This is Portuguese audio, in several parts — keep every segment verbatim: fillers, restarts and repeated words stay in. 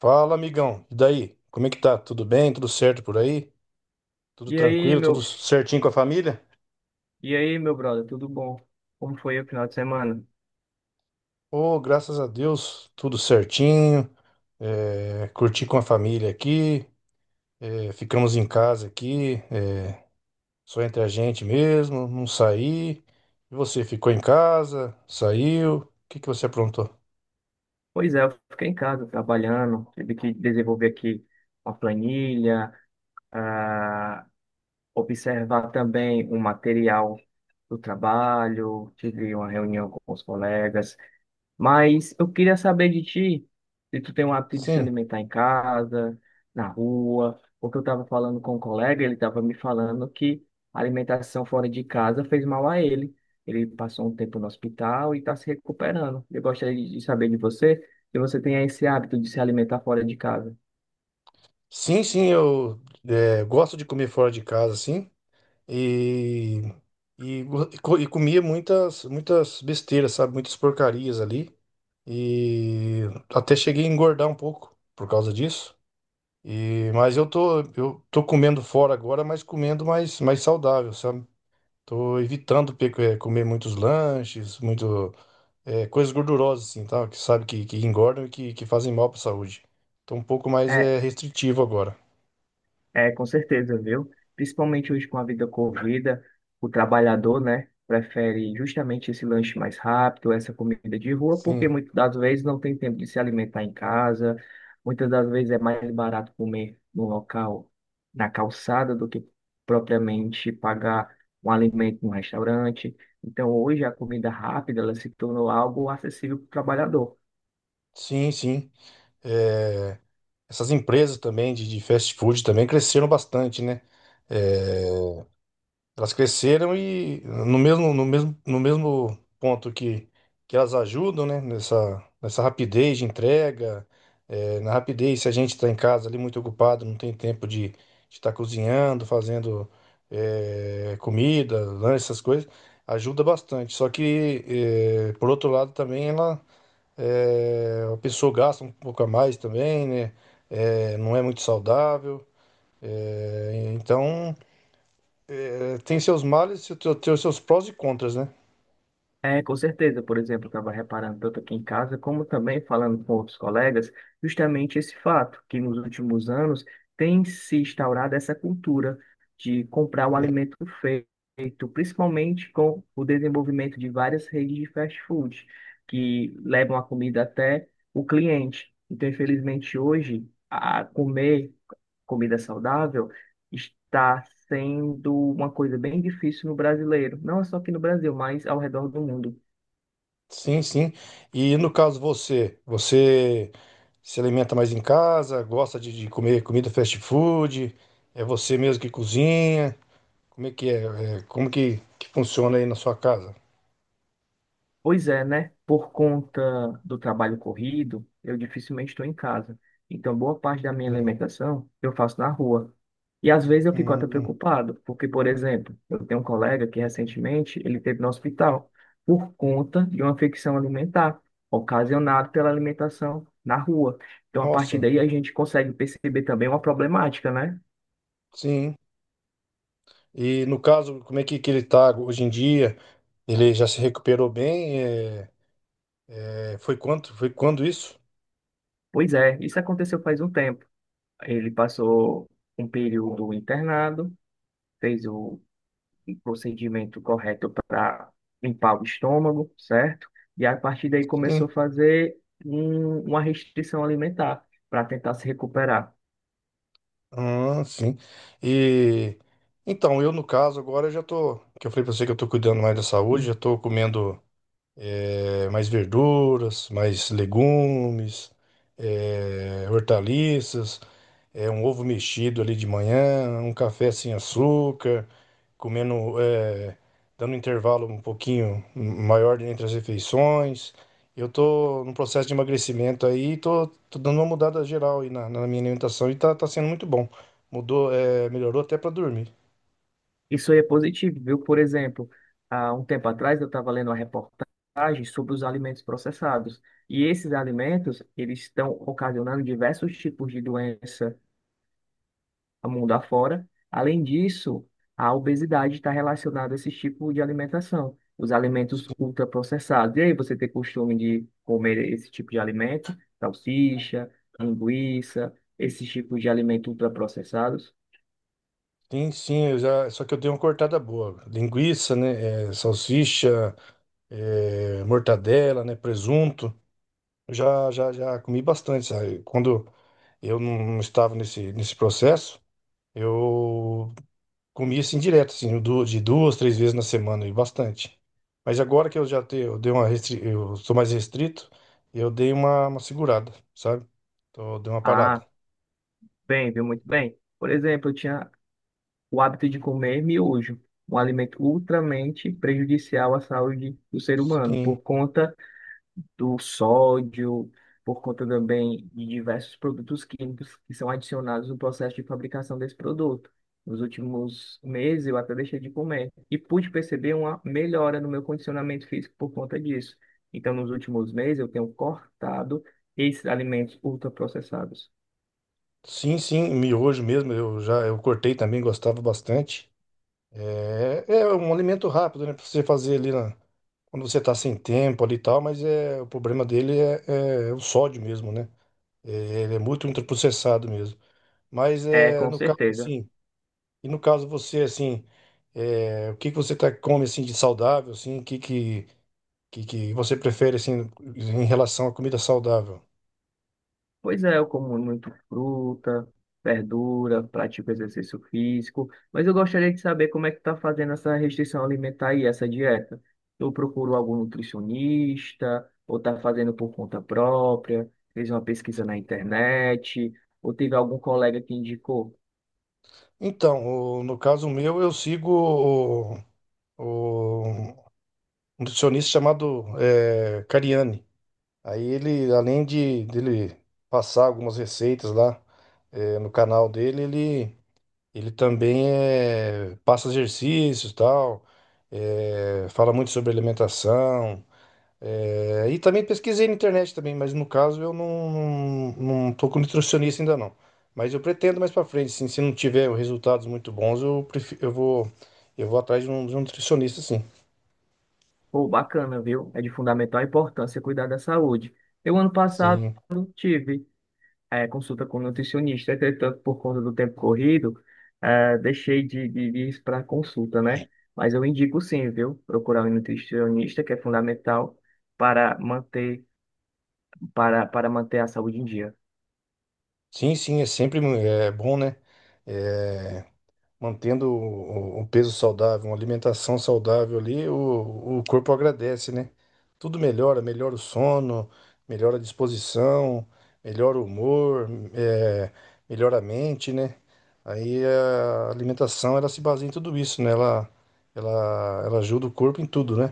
Fala, amigão. E daí? Como é que tá? Tudo bem? Tudo certo por aí? Tudo E aí, tranquilo? Tudo meu, certinho com a família? e aí, meu brother, tudo bom? Como foi o final de semana? Oh, graças a Deus, tudo certinho. É, curti com a família aqui. É, ficamos em casa aqui, é, só entre a gente mesmo, não saí. E você ficou em casa? Saiu? O que que você aprontou? Pois é, eu fiquei em casa trabalhando, tive que desenvolver aqui uma planilha, ah, observar também um material do trabalho, tive uma reunião com os colegas. Mas eu queria saber de ti, se tu tem o hábito de se Sim, alimentar em casa, na rua, porque eu estava falando com um colega, ele estava me falando que a alimentação fora de casa fez mal a ele. Ele passou um tempo no hospital e está se recuperando. Eu gostaria de de saber de você, se você tem esse hábito de se alimentar fora de casa. sim, sim, eu é, gosto de comer fora de casa, sim. E, e, go- e co- e comia muitas, muitas besteiras, sabe? Muitas porcarias ali. E até cheguei a engordar um pouco por causa disso. E, mas eu tô, eu tô comendo fora agora, mas comendo mais, mais saudável, sabe? Tô evitando pe- eh, comer muitos lanches, muito, eh, coisas gordurosas, assim, tá? Que sabe que, que engordam e que, que fazem mal para a saúde. Tô um pouco mais eh, restritivo agora. É, com certeza, viu? Principalmente hoje com a vida corrida, o trabalhador, né, prefere justamente esse lanche mais rápido, essa comida de rua, Sim, porque muitas das vezes não tem tempo de se alimentar em casa, muitas das vezes é mais barato comer no local, na calçada, do que propriamente pagar um alimento num restaurante. Então, hoje a comida rápida, ela se tornou algo acessível para o trabalhador. sim, sim. É, essas empresas também de, de fast food também cresceram bastante, né? É, elas cresceram e no mesmo, no mesmo, no mesmo ponto que, que elas ajudam, né? Nessa, nessa rapidez de entrega, é, na rapidez, se a gente está em casa ali muito ocupado, não tem tempo de estar cozinhando, fazendo é, comida, lanche, essas coisas, ajuda bastante. Só que, é, por outro lado, também ela é, a pessoa gasta um pouco a mais também, né? É, não é muito saudável. É, então, é, tem seus males e te- tem os seus prós e contras, né? É, com certeza. Por exemplo, eu estava reparando tanto aqui em casa, como também falando com outros colegas, justamente esse fato, que nos últimos anos tem se instaurado essa cultura de comprar o alimento feito, principalmente com o desenvolvimento de várias redes de fast food, que levam a comida até o cliente. Então, infelizmente, hoje, a comer comida saudável está sendo uma coisa bem difícil no brasileiro, não é só aqui no Brasil, mas ao redor do mundo. Sim, sim. E no caso você, você se alimenta mais em casa, gosta de, de comer comida fast food, é você mesmo que cozinha? Como é que é? É, como que, que funciona aí na sua casa? Pois é, né? Por conta do trabalho corrido, eu dificilmente estou em casa. Então, boa parte da minha Hum, alimentação eu faço na rua. E às vezes eu fico até hum, preocupado, porque, por exemplo, eu tenho um colega que recentemente ele teve no hospital por conta de uma infecção alimentar ocasionada pela alimentação na rua. Então, a partir nossa, daí a gente consegue perceber também uma problemática, né? sim. E no caso, como é que, que ele tá hoje em dia? Ele já se recuperou bem? É, é, foi quando Foi quando isso? Pois é, isso aconteceu faz um tempo. Ele passou um período internado, fez o um procedimento correto para limpar o estômago, certo? E a partir daí Sim. começou a fazer um- uma restrição alimentar para tentar se recuperar. Ah, sim. E então, eu no caso agora eu já tô, que eu falei pra você que eu tô cuidando mais da saúde, já tô comendo é, mais verduras, mais legumes, é, hortaliças. É um ovo mexido ali de manhã, um café sem açúcar, comendo, é, dando um intervalo um pouquinho maior entre as refeições. Eu tô num processo de emagrecimento aí, tô, tô dando uma mudada geral aí na, na minha alimentação e tá, tá sendo muito bom. Mudou, é, melhorou até para dormir. Isso aí é positivo, viu? Por exemplo, há um tempo atrás eu estava lendo uma reportagem sobre os alimentos processados. E esses alimentos, eles estão ocasionando diversos tipos de doença a mundo afora. Além disso, a obesidade está relacionada a esse tipo de alimentação, os alimentos ultraprocessados. E aí, você tem costume de comer esse tipo de alimento? Salsicha, linguiça, esses tipos de alimentos ultraprocessados? Sim, sim, eu já, só que eu dei uma cortada boa. Linguiça, né? é, salsicha, é, mortadela, né? Presunto. Já, já, já comi bastante, sabe? Quando eu não estava nesse, nesse processo, eu comia assim direto, assim, du- de duas, três vezes na semana e bastante. Mas agora que eu já tenho, eu dei uma restri... eu sou mais restrito, eu dei uma, uma segurada, sabe? Então, eu dei uma parada. Ah, bem, viu? Muito bem. Por exemplo, eu tinha o hábito de comer miojo, um alimento ultramente prejudicial à saúde do ser humano, Sim, por conta do sódio, por conta também de diversos produtos químicos que são adicionados no processo de fabricação desse produto. Nos últimos meses eu até deixei de comer e pude perceber uma melhora no meu condicionamento físico por conta disso. Então, nos últimos meses eu tenho cortado esses alimentos ultraprocessados. sim, sim, miojo mesmo, eu já eu cortei também, gostava bastante. É, é um alimento rápido, né? Pra você fazer ali na- quando você tá sem tempo ali e tal, mas é, o problema dele é, é o sódio mesmo, né? É, ele é muito ultraprocessado mesmo. Mas É, é, com no caso, certeza. assim, e no caso você, assim, é, o que que você tá, come, assim, de saudável, assim, o que que, que que você prefere, assim, em relação à comida saudável? Pois é, eu como muito fruta, verdura, pratico exercício físico, mas eu gostaria de saber como é que tá fazendo essa restrição alimentar e essa dieta. Eu procuro algum nutricionista, ou tá fazendo por conta própria, fez uma pesquisa na internet, ou teve algum colega que indicou. Então, o- no caso meu, eu sigo o, o- um nutricionista chamado é, Cariani. Aí ele, além de dele passar algumas receitas lá eh, no canal dele, ele, ele também eh, passa exercícios e tal, eh, fala muito sobre alimentação. Eh, e também pesquisei na internet também, mas no caso eu não, não, não tô com nutricionista ainda não. Mas eu pretendo mais pra frente, sim, se não tiver resultados muito bons, eu, prefi- eu vou, eu vou atrás de um, de um nutricionista, sim. Pô, bacana, viu? É de fundamental importância cuidar da saúde. Eu ano passado Sim, tive, é, consulta com nutricionista, entretanto, por conta do tempo corrido, é, deixei de, de, de ir para consulta, né? Mas eu indico sim, viu? Procurar um nutricionista, que é fundamental para manter, para, para manter a saúde em dia. sim, sim, é sempre mu- é bom, né? Eh, mantendo o o- um peso saudável, uma alimentação saudável ali, o, o corpo agradece, né? Tudo melhora, melhora o sono, melhora a disposição, melhora o humor, é, melhora a mente, né? Aí a alimentação, ela se baseia em tudo isso, né? Ela, ela, ela ajuda o corpo em tudo, né?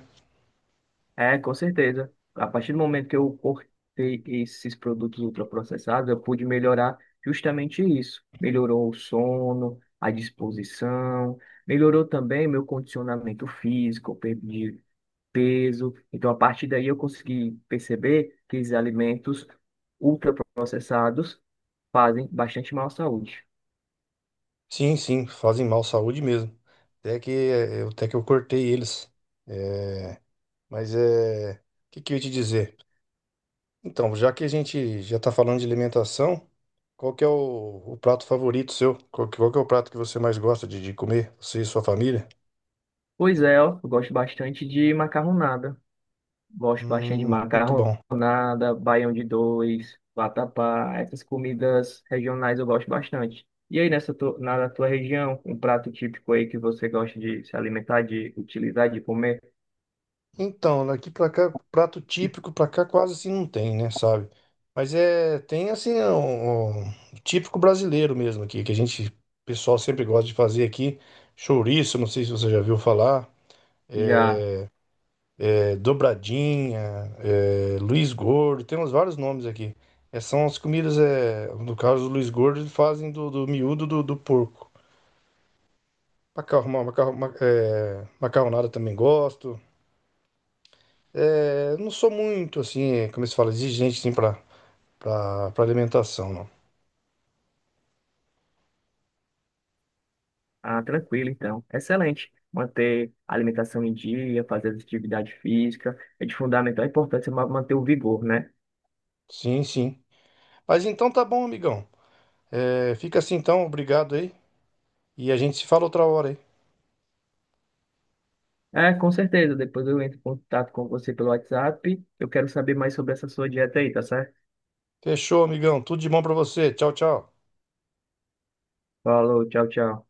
É, com certeza. A partir do momento que eu cortei esses produtos ultraprocessados, eu pude melhorar justamente isso. Melhorou o sono, a disposição, melhorou também meu condicionamento físico, eu perdi peso. Então, a partir daí, eu consegui perceber que esses alimentos ultraprocessados fazem bastante mal à saúde. Sim, sim, fazem mal à saúde mesmo. Até que, eh, eu- até que eu cortei eles. É, mas é, o que que eu ia te dizer? Então, já que a gente já tá falando de alimentação, qual que é o, o prato favorito seu? Qual que, qual que é o prato que você mais gosta de, de comer, você e sua família? Pois é, ó, eu gosto bastante de macarronada. Gosto bastante de Hum, muito bom. macarronada, baião de dois, vatapá, essas comidas regionais eu gosto bastante. E aí, nessa tu- na na tua região, um prato típico aí que você gosta de se alimentar, de utilizar, de comer, Então, daqui pra cá, prato típico pra cá quase assim não tem, né, sabe? Mas é, tem assim, um, um típico brasileiro mesmo aqui, que a gente, o pessoal sempre gosta de fazer aqui, chouriço, não sei se você já viu falar. já. É, dobradinha, é, Luiz Gordo, temos vários nomes aqui. É, são as comidas, é, no caso do Luiz Gordo, eles fazem do, do miúdo do, do porco. Macarrão, macarrão, ma- é, macarronada também gosto. É, não sou muito, assim, é, como se fala, exigente, assim, pra, pra, pra alimentação, não. Ah, tranquilo, então. Excelente. Manter a alimentação em dia, fazer atividade física, é de fundamental importância ma- manter o vigor, né? Sim, sim. Mas então tá bom, amigão. É, fica assim então, obrigado aí. E a gente se fala outra hora aí. É, com certeza. Depois eu entro em contato com você pelo WhatsApp. Eu quero saber mais sobre essa sua dieta aí, tá certo? Fechou, amigão. Tudo de bom pra você. Tchau, tchau. Falou, tchau, tchau.